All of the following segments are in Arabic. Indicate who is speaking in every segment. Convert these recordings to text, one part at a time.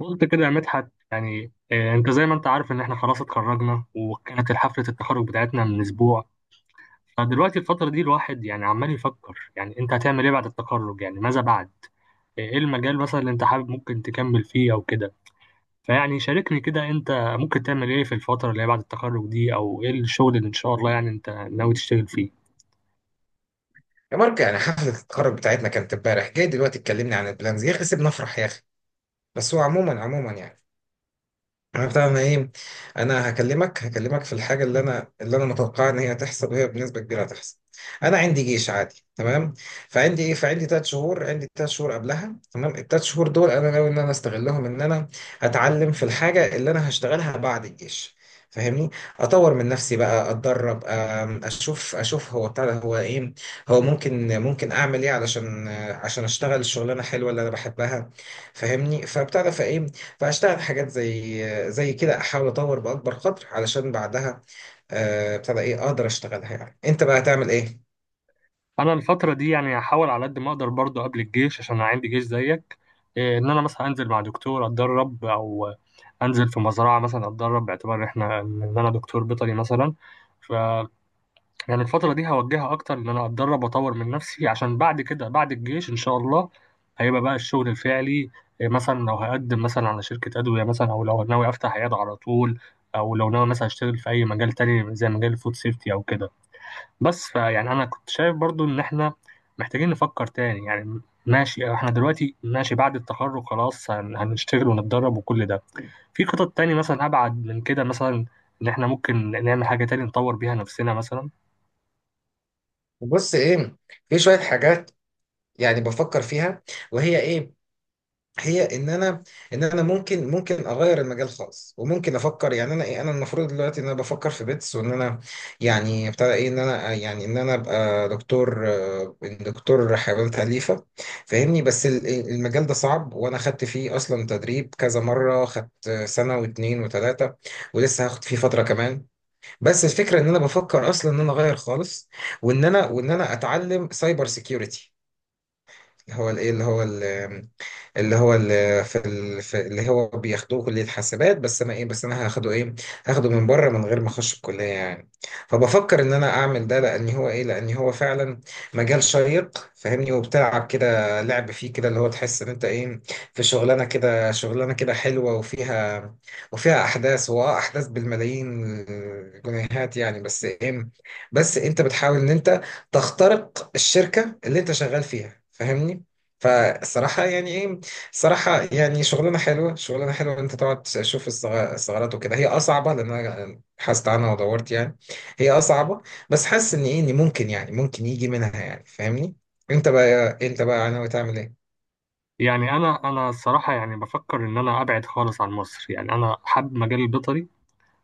Speaker 1: قلت كده يا مدحت، يعني انت زي ما انت عارف ان احنا خلاص اتخرجنا، وكانت حفلة التخرج بتاعتنا من اسبوع. فدلوقتي الفترة دي الواحد يعني عمال يفكر، يعني انت هتعمل ايه بعد التخرج؟ يعني ماذا بعد؟ ايه المجال مثلا اللي انت حابب ممكن تكمل فيه او كده؟ فيعني شاركني كده، انت ممكن تعمل ايه في الفترة اللي هي بعد التخرج دي، او ايه الشغل اللي ان شاء الله يعني انت ناوي تشتغل فيه؟
Speaker 2: يا مارك، يعني حفلة التخرج بتاعتنا كانت امبارح، جاي دلوقتي تكلمني عن البلانز؟ يا اخي، سيبنا نفرح يا اخي. بس هو عموما، عموما، يعني عرفت انا ايه، انا هكلمك، في الحاجه اللي انا متوقعها ان هي تحصل، وهي بنسبه كبيره هتحصل. انا عندي جيش، عادي، تمام. فعندي 3 شهور، قبلها. تمام، الثلاث شهور دول انا ناوي ان انا استغلهم، ان انا اتعلم في الحاجه اللي انا هشتغلها بعد الجيش. فاهمني؟ اطور من نفسي بقى، اتدرب، اشوف، هو بتاع ده، هو ايه، هو ممكن، اعمل ايه، علشان آه، عشان اشتغل الشغلانه حلوه اللي انا بحبها. فاهمني؟ فبتاع ده فايه فاشتغل في حاجات زي كده، احاول اطور باكبر قدر علشان بعدها، ابتدى ايه اقدر اشتغلها. يعني انت بقى هتعمل ايه؟
Speaker 1: انا الفتره دي يعني هحاول على قد ما اقدر برضو قبل الجيش، عشان انا عندي جيش زيك. إيه، ان انا مثلا انزل مع دكتور اتدرب، او انزل في مزرعه مثلا اتدرب، باعتبار احنا ان انا دكتور بيطري مثلا. ف يعني الفتره دي هوجهها اكتر، ان انا اتدرب واطور من نفسي، عشان بعد كده بعد الجيش ان شاء الله هيبقى بقى الشغل الفعلي. إيه، مثلا لو هقدم مثلا على شركه ادويه، مثلا او لو ناوي افتح عياده على طول، او لو ناوي مثلا اشتغل في اي مجال تاني زي مجال الفود سيفتي او كده. بس فيعني انا كنت شايف برضو ان احنا محتاجين نفكر تاني يعني. ماشي، احنا دلوقتي ماشي بعد التخرج خلاص، هنشتغل ونتدرب وكل ده. في خطط تاني مثلا ابعد من كده، مثلا ان احنا ممكن نعمل حاجة تاني نطور بيها نفسنا مثلا.
Speaker 2: بص، ايه، في شويه حاجات يعني بفكر فيها. وهي ايه؟ هي ان انا، ممكن، اغير المجال خالص. وممكن افكر، يعني انا ايه، انا المفروض دلوقتي ان انا بفكر في بيتس، وان انا يعني ابتدى ايه ان انا، يعني ان انا ابقى دكتور، دكتور حيوانات اليفه. فاهمني؟ بس المجال ده صعب، وانا خدت فيه اصلا تدريب كذا مره، خدت سنه واتنين وتلاته، ولسه هاخد فيه فتره كمان. بس الفكره ان انا بفكر اصلا ان انا اغير خالص، وان انا اتعلم سايبر سيكيورتي، اللي هو اللي هو، اللي في اللي هو بياخدوه كلية حاسبات. بس انا ايه، بس انا هاخده ايه، هاخده من بره، من غير ما اخش الكلية يعني. فبفكر ان انا اعمل ده، لان هو ايه، لان هو فعلا مجال شيق. فاهمني؟ وبتلعب كده لعب فيه، كده اللي هو تحس ان انت ايه، في شغلانة كده، حلوة، وفيها، احداث، احداث بالملايين، الجنيهات يعني. بس ايه، بس انت بتحاول ان انت تخترق الشركة اللي انت شغال فيها. فاهمني؟ فالصراحة يعني ايه، صراحة يعني شغلانة حلوة، إن أنت تقعد تشوف الثغرات وكده. هي أصعبة، لأن أنا بحثت عنها ودورت يعني. هي أصعبة. بس حاسس إن إيه، إن ممكن، يجي منها يعني. فاهمني؟ أنت بقى ناوي تعمل إيه؟
Speaker 1: يعني انا الصراحة يعني بفكر ان انا ابعد خالص عن مصر، يعني انا حابب مجال البيطري.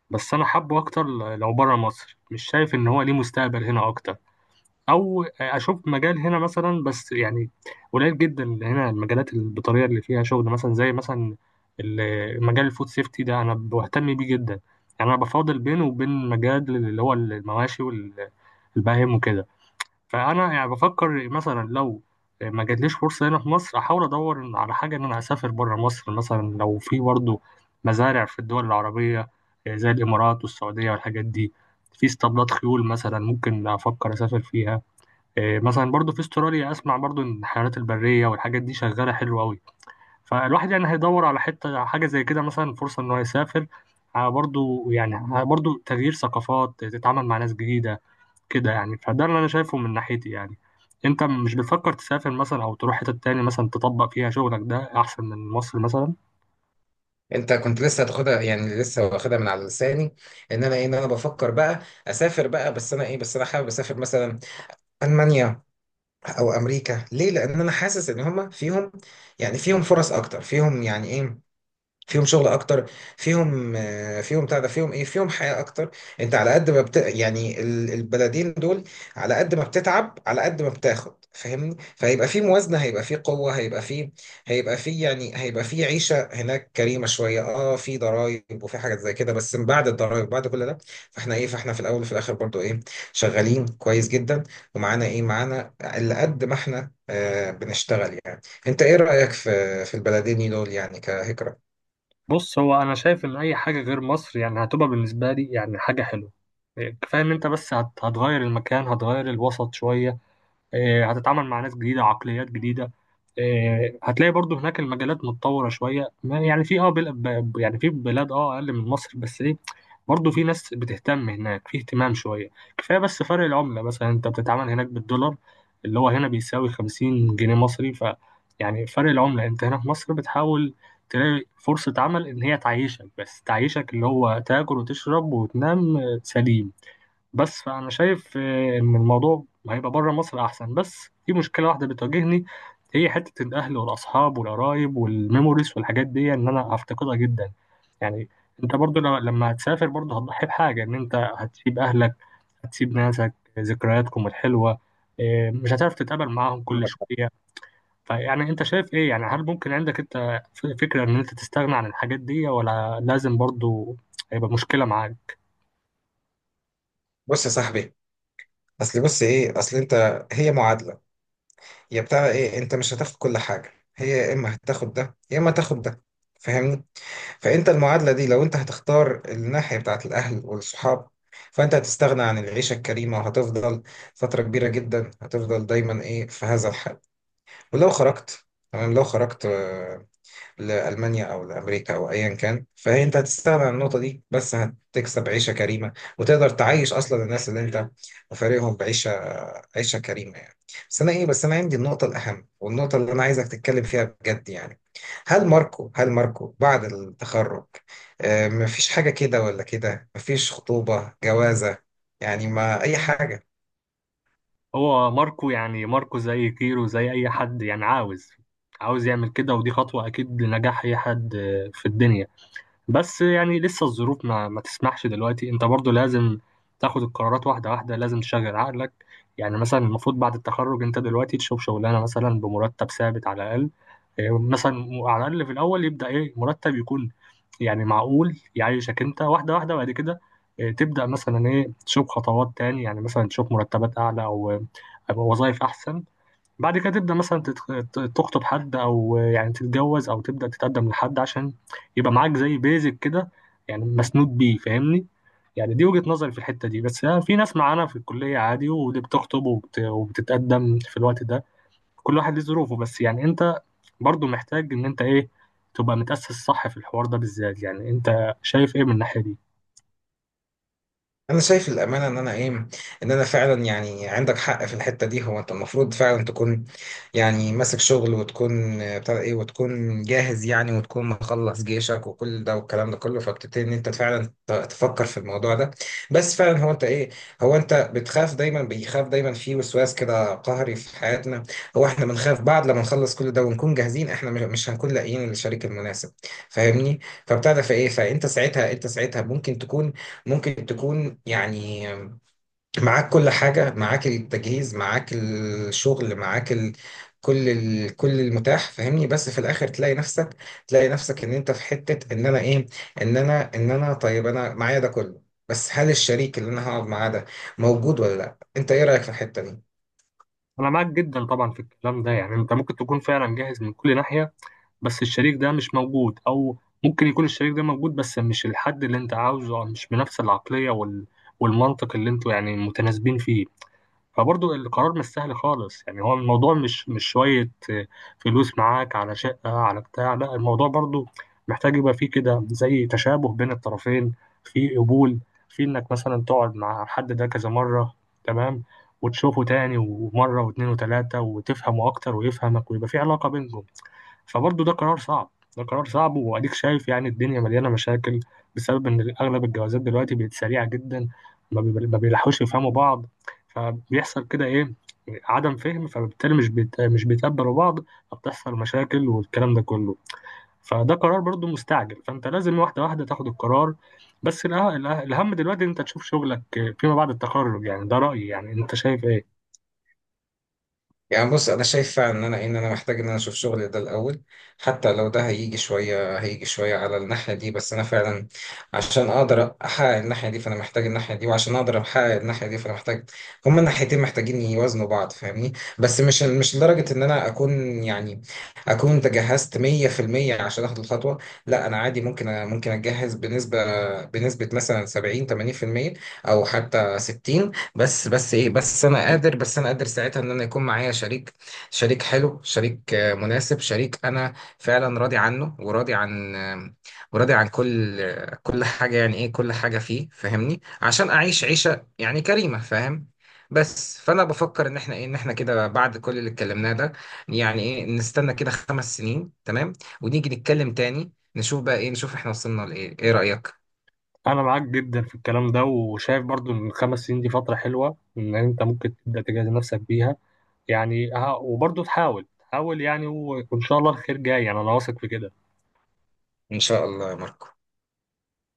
Speaker 1: بس انا حابه اكتر لو بره مصر، مش شايف ان هو ليه مستقبل هنا اكتر. او اشوف مجال هنا مثلا، بس يعني قليل جدا هنا المجالات بالطريقه اللي فيها شغل، مثلا زي مثلا مجال الفود سيفتي ده انا بهتم بيه جدا. يعني انا بفاضل بينه وبين مجال اللي هو المواشي والبهائم وكده. فانا يعني بفكر مثلا لو ما جاتليش فرصه هنا في مصر، احاول ادور على حاجه ان انا اسافر بره مصر، مثلا لو في برضه مزارع في الدول العربيه زي الامارات والسعوديه والحاجات دي، في اسطبلات خيول مثلا ممكن افكر اسافر فيها. إيه، مثلا برضو في استراليا اسمع برضو ان الحيوانات البريه والحاجات دي شغاله حلو قوي. فالواحد يعني هيدور على حته حاجه زي كده، مثلا فرصه ان هو يسافر، برضو يعني برضو تغيير ثقافات، تتعامل مع ناس جديده كده يعني. فده اللي انا شايفه من ناحيتي يعني. انت مش بتفكر تسافر مثلا، او تروح حته تاني مثلا تطبق فيها شغلك، ده احسن من مصر مثلا؟
Speaker 2: أنت كنت لسه هتاخدها، يعني لسه واخدها من على لساني، إن أنا إيه، إن أنا بفكر بقى أسافر بقى. بس أنا إيه، بس أنا حابب أسافر مثلا ألمانيا أو أمريكا. ليه؟ لأن أنا حاسس إن هما فيهم، يعني فيهم فرص أكتر، فيهم يعني إيه، فيهم شغل اكتر، فيهم، فيهم بتاع ده، فيهم ايه، فيهم حياه اكتر. انت على قد ما يعني البلدين دول، على قد ما بتتعب على قد ما بتاخد. فاهمني؟ فهيبقى في موازنه، هيبقى في قوه، هيبقى في، يعني هيبقى في عيشه هناك كريمه شويه. اه في ضرائب وفي حاجات زي كده، بس من بعد الضرائب بعد كل ده، فاحنا ايه، فاحنا في الاول وفي الاخر برضو ايه، شغالين كويس جدا. ومعانا ايه، معانا اللي قد ما احنا بنشتغل يعني. انت ايه رايك في، البلدين دول يعني كهجره؟
Speaker 1: بص، هو انا شايف ان اي حاجه غير مصر يعني هتبقى بالنسبه لي يعني حاجه حلوه. إيه، كفايه ان انت بس هتغير المكان، هتغير الوسط شويه. هتتعامل مع ناس جديدة، عقليات جديدة. هتلاقي برضو هناك المجالات متطورة شوية، يعني في يعني في بلاد أقل من مصر، بس ايه؟ برضو في ناس بتهتم هناك، في اهتمام شوية. كفاية، بس فرق العملة مثلا انت بتتعامل هناك بالدولار، اللي هو هنا بيساوي 50 جنيه مصري. يعني فرق العملة، انت هنا في مصر بتحاول تلاقي فرصة عمل ان هي تعيشك، بس تعيشك اللي هو تاكل وتشرب وتنام، سليم. بس فأنا شايف إن الموضوع هيبقى بره مصر أحسن، بس في مشكلة واحدة بتواجهني. هي حتة الأهل والأصحاب والقرايب والميموريز والحاجات دي، إن أنا هفتقدها جدا يعني. أنت برضو لما هتسافر برضو هتضحي بحاجة، إن أنت هتسيب أهلك، هتسيب ناسك، ذكرياتكم الحلوة. مش هتعرف تتقابل معاهم كل شوية. فيعني أنت شايف إيه؟ يعني هل ممكن عندك أنت فكرة إن أنت تستغنى عن الحاجات دي، ولا لازم برضو هيبقى مشكلة معاك؟
Speaker 2: بص يا صاحبي، اصل، بص ايه، اصل انت، هي معادله. يا بتاع ايه، انت مش هتاخد كل حاجه، هي يا اما هتاخد ده، يا اما هتاخد ده. فاهمني؟ فانت المعادله دي، لو انت هتختار الناحيه بتاعت الاهل والصحاب، فانت هتستغنى عن العيشه الكريمه، وهتفضل فتره كبيره جدا، هتفضل دايما ايه، في هذا الحال. ولو خرجت، تمام، لو خرجت لألمانيا أو لأمريكا أو أيا كان، فهي أنت هتستغنى عن النقطة دي، بس هتكسب عيشة كريمة، وتقدر تعيش أصلا الناس اللي أنت فارقهم عيشة كريمة يعني. بس أنا إيه، بس أنا عندي النقطة الأهم، والنقطة اللي أنا عايزك تتكلم فيها بجد يعني. هل ماركو، بعد التخرج، مفيش حاجة كده ولا كده، مفيش خطوبة، جوازة، يعني، ما أي حاجة؟
Speaker 1: هو ماركو، يعني ماركو زي كيرو، زي اي حد يعني عاوز يعمل كده، ودي خطوة اكيد لنجاح اي حد في الدنيا. بس يعني لسه الظروف ما تسمحش دلوقتي، انت برضو لازم تاخد القرارات واحدة واحدة، لازم تشغل عقلك. يعني مثلا المفروض بعد التخرج، انت دلوقتي تشوف شغلانة مثلا بمرتب ثابت على الاقل. مثلا على الاقل في الاول يبدأ ايه مرتب يكون، يعني معقول يعيشك انت واحده واحده. بعد كده تبدا مثلا ايه، تشوف خطوات تاني، يعني مثلا تشوف مرتبات اعلى، او وظائف احسن. بعد كده تبدا مثلا تخطب حد، او يعني تتجوز، او تبدا تتقدم لحد عشان يبقى معاك زي بيزك كده، يعني مسنود بيه فاهمني. يعني دي وجهة نظري في الحتة دي، بس في ناس معانا في الكلية عادي ودي بتخطب وبتتقدم في الوقت ده. كل واحد ليه ظروفه، بس يعني انت برضو محتاج ان انت ايه، تبقى متأسس صح في الحوار ده بالذات. يعني انت شايف ايه من الناحية دي؟
Speaker 2: انا شايف الامانه ان انا ايه، ان انا فعلا يعني عندك حق في الحته دي. هو انت المفروض فعلا تكون، يعني ماسك شغل، وتكون، بتاع ايه، وتكون جاهز يعني، وتكون مخلص جيشك، وكل ده والكلام ده كله. فبتبتدي ان انت فعلا تفكر في الموضوع ده. بس فعلا هو انت ايه، هو انت بتخاف دايما، بيخاف دايما في وسواس كده قهري في حياتنا. هو احنا بنخاف بعد لما نخلص كل ده ونكون جاهزين، احنا مش هنكون لاقيين الشريك المناسب. فاهمني؟ فبتاع ده فايه فانت ساعتها، انت ساعتها ممكن تكون، يعني معاك كل حاجة، معاك التجهيز، معاك الشغل، معاك كل كل المتاح. فاهمني؟ بس في الاخر تلاقي نفسك، ان انت في حتة، ان انا ايه، ان انا، طيب انا معايا ده كله، بس هل الشريك اللي انا هقعد معاه ده موجود ولا لا؟ انت ايه رأيك في الحتة دي؟
Speaker 1: انا معاك جدا طبعا في الكلام ده، يعني انت ممكن تكون فعلا جاهز من كل ناحية، بس الشريك ده مش موجود، او ممكن يكون الشريك ده موجود بس مش الحد اللي انت عاوزه، أو مش بنفس العقلية والمنطق اللي انتوا يعني متناسبين فيه. فبرضه القرار مش سهل خالص، يعني هو الموضوع مش شوية فلوس معاك على شقة على بتاع، لا الموضوع برضه محتاج يبقى فيه كده زي تشابه بين الطرفين. في قبول، في انك مثلا تقعد مع الحد ده كذا مرة، تمام، وتشوفه تاني ومرة واتنين وتلاتة وتفهمه أكتر ويفهمك، ويبقى في علاقة بينكم. فبرضه ده قرار صعب، ده قرار صعب، واديك شايف يعني الدنيا مليانه مشاكل، بسبب ان اغلب الجوازات دلوقتي بقت سريعه جدا. ما بيلحقوش يفهموا بعض، فبيحصل كده ايه، عدم فهم، فبالتالي مش بيتقبلوا بعض، فبتحصل مشاكل والكلام ده كله. فده قرار برضه مستعجل، فانت لازم واحده واحده تاخد القرار. بس الاهم دلوقتي، إن انت تشوف شغلك فيما بعد التخرج. يعني ده رايي، يعني انت شايف ايه؟
Speaker 2: يعني بص، انا شايف فعلا ان انا ان انا محتاج ان انا اشوف شغل ده الاول، حتى لو ده هيجي شويه، على الناحيه دي. بس انا فعلا، عشان اقدر احقق الناحيه دي فانا محتاج الناحيه دي، وعشان اقدر احقق الناحيه دي فانا محتاج، هما الناحيتين محتاجين يوازنوا بعض. فاهمني؟ بس مش لدرجه ان انا اكون يعني اكون تجهزت 100% عشان اخد الخطوه. لا، انا عادي، ممكن ممكن اتجهز بنسبه، مثلا 70 80%، او حتى 60. بس، بس ايه بس انا قادر، ساعتها ان انا يكون معايا شريك، شريك حلو، شريك، مناسب، شريك انا فعلا راضي عنه، وراضي عن، وراضي عن كل، كل حاجه يعني ايه، كل حاجه فيه. فاهمني؟ عشان اعيش عيشه يعني كريمه، فاهم؟ بس فانا بفكر ان احنا ايه، ان احنا كده بعد كل اللي اتكلمناه ده، يعني ايه نستنى كده 5 سنين تمام، ونيجي نتكلم تاني، نشوف بقى ايه، احنا وصلنا لايه. ايه رايك؟
Speaker 1: انا معاك جدا في الكلام ده، وشايف برضو ان الخمس سنين دي فتره حلوه ان انت ممكن تبدا تجهز نفسك بيها. يعني وبرضو تحاول تحاول، يعني وان شاء الله الخير جاي، يعني انا واثق في كده.
Speaker 2: ان شاء الله يا ماركو.